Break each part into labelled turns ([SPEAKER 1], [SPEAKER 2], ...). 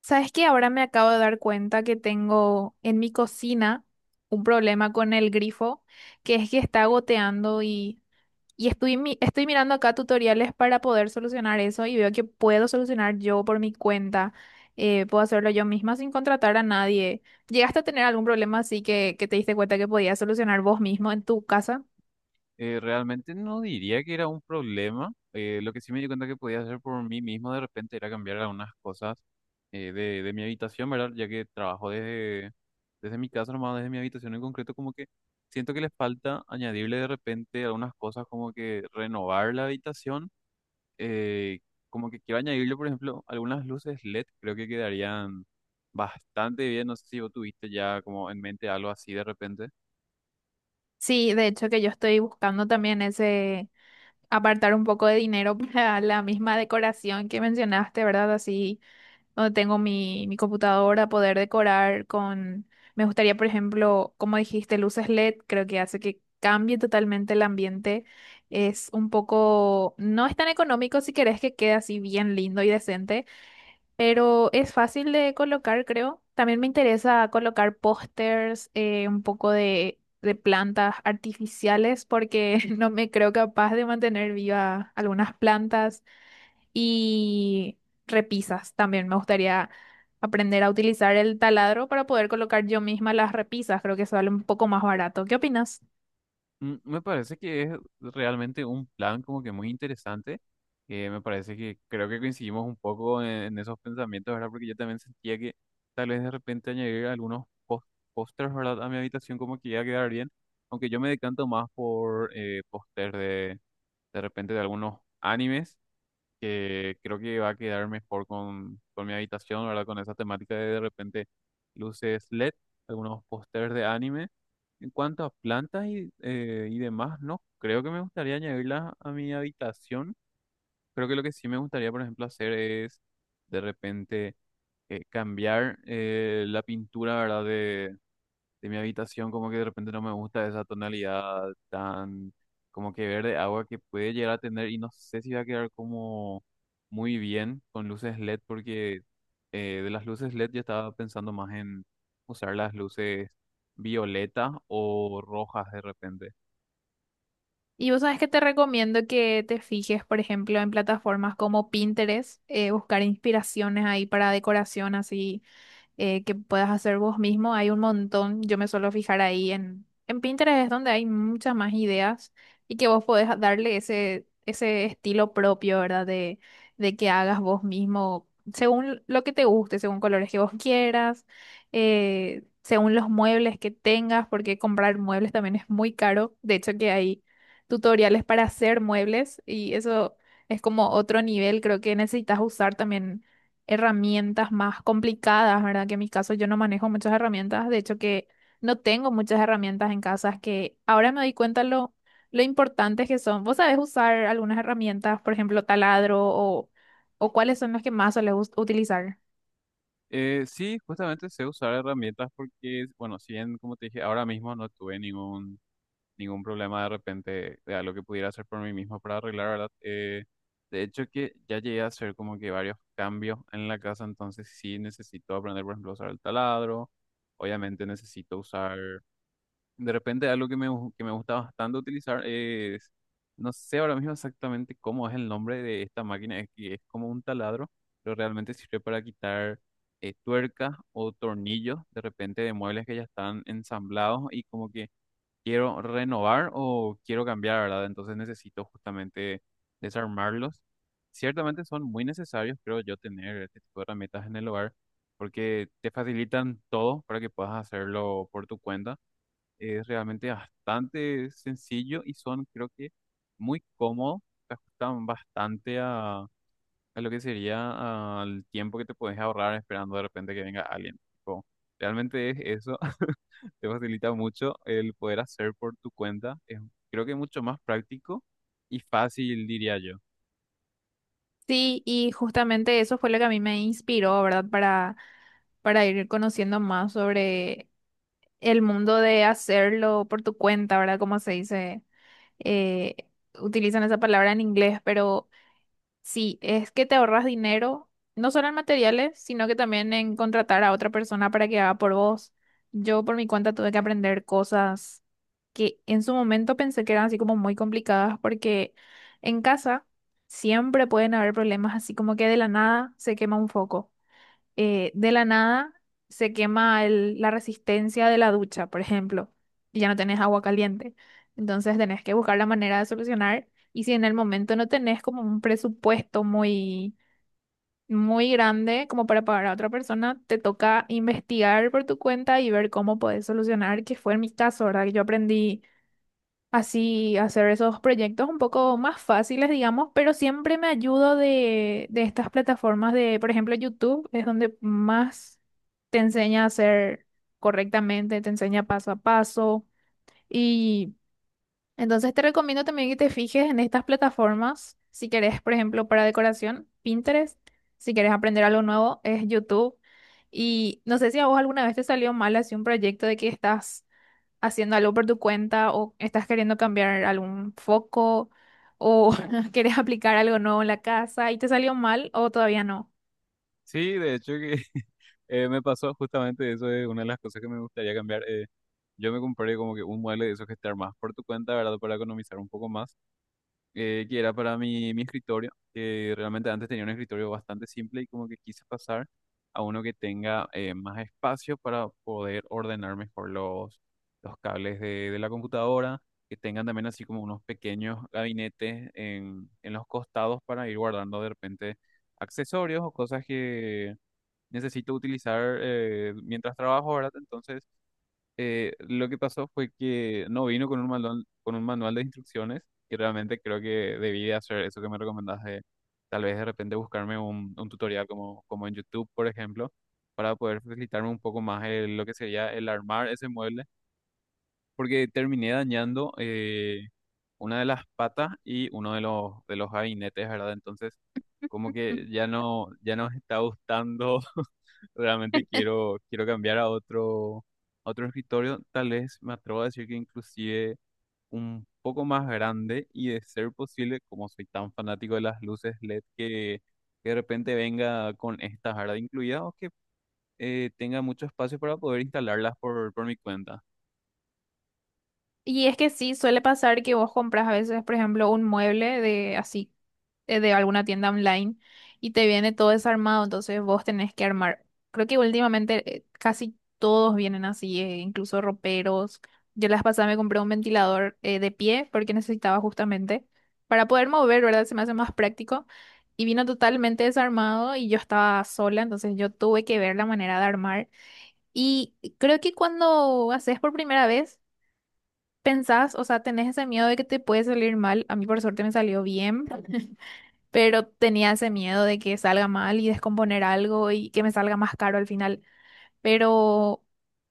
[SPEAKER 1] ¿Sabes qué? Ahora me acabo de dar cuenta que tengo en mi cocina un problema con el grifo, que es que está goteando y estoy, estoy mirando acá tutoriales para poder solucionar eso y veo que puedo solucionar yo por mi cuenta, puedo hacerlo yo misma sin contratar a nadie. ¿Llegaste a tener algún problema así que te diste cuenta que podías solucionar vos mismo en tu casa?
[SPEAKER 2] Realmente no diría que era un problema. Lo que sí me di cuenta que podía hacer por mí mismo de repente era cambiar algunas cosas de, mi habitación, ¿verdad? Ya que trabajo desde, desde mi casa, nomás desde mi habitación en concreto, como que siento que les falta añadirle de repente algunas cosas como que renovar la habitación. eh, Como que quiero añadirle, por ejemplo, algunas luces LED, creo que quedarían bastante bien. No sé si vos tuviste ya como en mente algo así de repente.
[SPEAKER 1] Sí, de hecho que yo estoy buscando también ese... apartar un poco de dinero para la misma decoración que mencionaste, ¿verdad? Así donde tengo mi computadora, poder decorar con... Me gustaría, por ejemplo, como dijiste, luces LED, creo que hace que cambie totalmente el ambiente. Es un poco... No es tan económico si querés que quede así bien lindo y decente, pero es fácil de colocar, creo. También me interesa colocar pósters, un poco de plantas artificiales, porque no me creo capaz de mantener viva algunas plantas y repisas también. Me gustaría aprender a utilizar el taladro para poder colocar yo misma las repisas. Creo que sale un poco más barato. ¿Qué opinas?
[SPEAKER 2] Mm, me parece que es realmente un plan como que muy interesante, que me parece que creo que coincidimos un poco en, esos pensamientos, ¿verdad? Porque yo también sentía que tal vez de repente añadir algunos pósters, ¿verdad? A mi habitación como que iba a quedar bien, aunque yo me decanto más por póster de repente de algunos animes que creo que va a quedar mejor con, mi habitación, ¿verdad? Con esa temática de repente luces LED, algunos pósters de anime. En cuanto a plantas y demás, no creo que me gustaría añadirlas a mi habitación. Creo que lo que sí me gustaría, por ejemplo, hacer es de repente cambiar la pintura, ¿verdad? De mi habitación, como que de repente no me gusta esa tonalidad tan como que verde agua que puede llegar a tener y no sé si va a quedar como muy bien con luces LED porque de las luces LED yo estaba pensando más en usar las luces violeta o rojas de repente.
[SPEAKER 1] Y vos sabes que te recomiendo que te fijes, por ejemplo, en plataformas como Pinterest, buscar inspiraciones ahí para decoración así, que puedas hacer vos mismo. Hay un montón, yo me suelo fijar ahí en Pinterest, es donde hay muchas más ideas y que vos podés darle ese, ese estilo propio, ¿verdad? De que hagas vos mismo, según lo que te guste, según colores que vos quieras, según los muebles que tengas, porque comprar muebles también es muy caro. De hecho, que hay tutoriales para hacer muebles y eso es como otro nivel, creo que necesitas usar también herramientas más complicadas, ¿verdad? Que en mi caso yo no manejo muchas herramientas, de hecho que no tengo muchas herramientas en casa, es que ahora me doy cuenta lo importantes que son. ¿Vos sabés usar algunas herramientas, por ejemplo, taladro o cuáles son las que más sueles utilizar?
[SPEAKER 2] Sí, justamente sé usar herramientas porque, bueno, si bien, como te dije, ahora mismo no tuve ningún problema de repente de algo que pudiera hacer por mí mismo para arreglar, ¿verdad? De hecho que ya llegué a hacer como que varios cambios en la casa, entonces sí necesito aprender, por ejemplo, a usar el taladro, obviamente necesito usar, de repente algo que me, que me gusta bastante utilizar es, no sé ahora mismo exactamente cómo es el nombre de esta máquina, es que es como un taladro, pero realmente sirve para quitar tuercas o tornillos de repente de muebles que ya están ensamblados y como que quiero renovar o quiero cambiar, ¿verdad? Entonces necesito justamente desarmarlos. Ciertamente son muy necesarios, creo yo, tener este tipo de herramientas en el hogar porque te facilitan todo para que puedas hacerlo por tu cuenta. Es realmente bastante sencillo y son, creo que, muy cómodos. Se ajustan bastante a lo que sería al tiempo que te puedes ahorrar esperando de repente que venga alguien. Tipo, realmente es eso, te facilita mucho el poder hacer por tu cuenta. Es, creo que mucho más práctico y fácil, diría yo.
[SPEAKER 1] Sí, y justamente eso fue lo que a mí me inspiró, ¿verdad? Para ir conociendo más sobre el mundo de hacerlo por tu cuenta, ¿verdad? Como se dice, eh, utilizan esa palabra en inglés, pero... Sí, es que te ahorras dinero, no solo en materiales, sino que también en contratar a otra persona para que haga por vos. Yo por mi cuenta tuve que aprender cosas que en su momento pensé que eran así como muy complicadas, porque en casa siempre pueden haber problemas así como que de la nada se quema un foco, de la nada se quema la resistencia de la ducha, por ejemplo, y ya no tenés agua caliente. Entonces tenés que buscar la manera de solucionar. Y si en el momento no tenés como un presupuesto muy, muy grande como para pagar a otra persona, te toca investigar por tu cuenta y ver cómo podés solucionar, que fue en mi caso, ¿verdad? Que yo aprendí así hacer esos proyectos un poco más fáciles, digamos, pero siempre me ayudo de estas plataformas de, por ejemplo, YouTube es donde más te enseña a hacer correctamente, te enseña paso a paso y entonces te recomiendo también que te fijes en estas plataformas, si querés, por ejemplo, para decoración, Pinterest, si querés aprender algo nuevo, es YouTube. Y no sé si a vos alguna vez te salió mal así un proyecto de que estás haciendo algo por tu cuenta o estás queriendo cambiar algún foco o quieres aplicar algo nuevo en la casa y te salió mal o todavía no.
[SPEAKER 2] Sí, de hecho que me pasó justamente eso, es una de las cosas que me gustaría cambiar. Yo me compré como que un mueble de esos que te armas por tu cuenta, ¿verdad? Para economizar un poco más. Que era para mi, escritorio, que realmente antes tenía un escritorio bastante simple y como que quise pasar a uno que tenga más espacio para poder ordenar mejor los cables de, la computadora, que tengan también así como unos pequeños gabinetes en, los costados para ir guardando de repente accesorios o cosas que necesito utilizar mientras trabajo, ¿verdad? Entonces lo que pasó fue que no vino con un manual de instrucciones y realmente creo que debí de hacer eso que me recomendaste, tal vez de repente buscarme un, tutorial como, como en YouTube, por ejemplo, para poder facilitarme un poco más lo que sería el armar ese mueble, porque terminé dañando. Una de las patas y uno de los, gabinetes, ¿verdad? Entonces, como que ya no, me está gustando, realmente quiero, cambiar a otro escritorio, tal vez me atrevo a decir que inclusive un poco más grande y de ser posible, como soy tan fanático de las luces LED, que, de repente venga con estas, ¿verdad? Incluidas o que tenga mucho espacio para poder instalarlas por, mi cuenta.
[SPEAKER 1] Y es que sí, suele pasar que vos compras a veces, por ejemplo, un mueble de así, de alguna tienda online y te viene todo desarmado, entonces vos tenés que armar. Creo que últimamente, casi todos vienen así, incluso roperos. Yo las pasadas me compré un ventilador, de pie porque necesitaba justamente para poder mover, ¿verdad? Se me hace más práctico. Y vino totalmente desarmado y yo estaba sola, entonces yo tuve que ver la manera de armar. Y creo que cuando haces por primera vez pensás, o sea, tenés ese miedo de que te puede salir mal. A mí por suerte me salió bien, pero tenía ese miedo de que salga mal y descomponer algo y que me salga más caro al final. Pero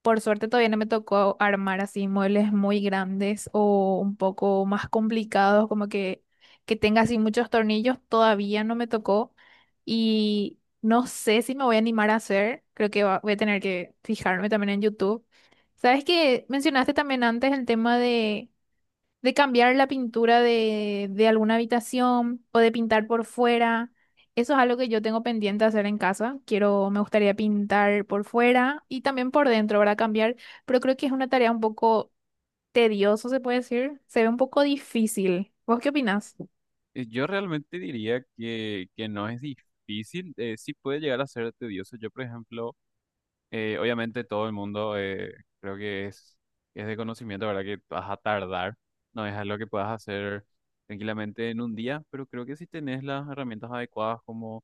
[SPEAKER 1] por suerte todavía no me tocó armar así muebles muy grandes o un poco más complicados, como que tenga así muchos tornillos. Todavía no me tocó y no sé si me voy a animar a hacer. Creo que voy a tener que fijarme también en YouTube. ¿Sabes que mencionaste también antes el tema de cambiar la pintura de alguna habitación o de pintar por fuera? Eso es algo que yo tengo pendiente hacer en casa. Quiero, me gustaría pintar por fuera y también por dentro, ¿verdad? Cambiar, pero creo que es una tarea un poco tediosa, se puede decir. Se ve un poco difícil. ¿Vos qué opinás?
[SPEAKER 2] Yo realmente diría que, no es difícil, sí puede llegar a ser tedioso. Yo, por ejemplo, obviamente todo el mundo creo que es de conocimiento, ¿verdad? Que vas a tardar, no es algo que puedas hacer tranquilamente en un día, pero creo que si tenés las herramientas adecuadas como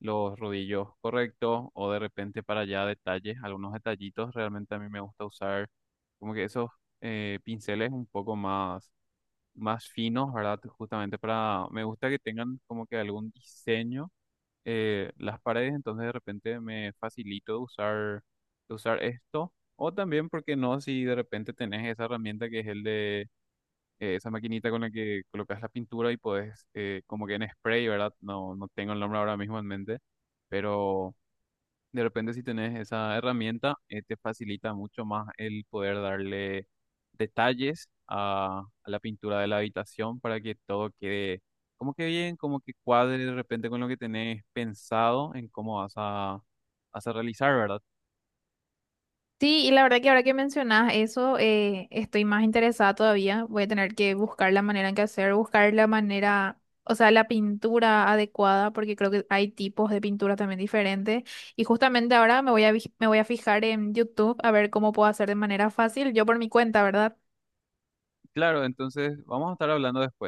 [SPEAKER 2] los rodillos correctos o de repente para allá detalles, algunos detallitos, realmente a mí me gusta usar como que esos pinceles un poco más finos, ¿verdad? Justamente para, me gusta que tengan como que algún diseño las paredes, entonces de repente me facilito de usar, esto. O también, ¿porque no? Si de repente tenés esa herramienta que es el de esa maquinita con la que colocas la pintura y podés, como que en spray, ¿verdad? No, no tengo el nombre ahora mismo en mente, pero de repente, si tenés esa herramienta, te facilita mucho más el poder darle detalles a, la pintura de la habitación para que todo quede como que bien, como que cuadre de repente con lo que tenés pensado en cómo vas a, realizar, ¿verdad?
[SPEAKER 1] Sí, y la verdad que ahora que mencionas eso, estoy más interesada todavía. Voy a tener que buscar la manera en que hacer, buscar la manera, o sea, la pintura adecuada, porque creo que hay tipos de pintura también diferentes. Y justamente ahora me voy a, me voy a fijar en YouTube a ver cómo puedo hacer de manera fácil, yo por mi cuenta, ¿verdad?
[SPEAKER 2] Claro, entonces vamos a estar hablando después.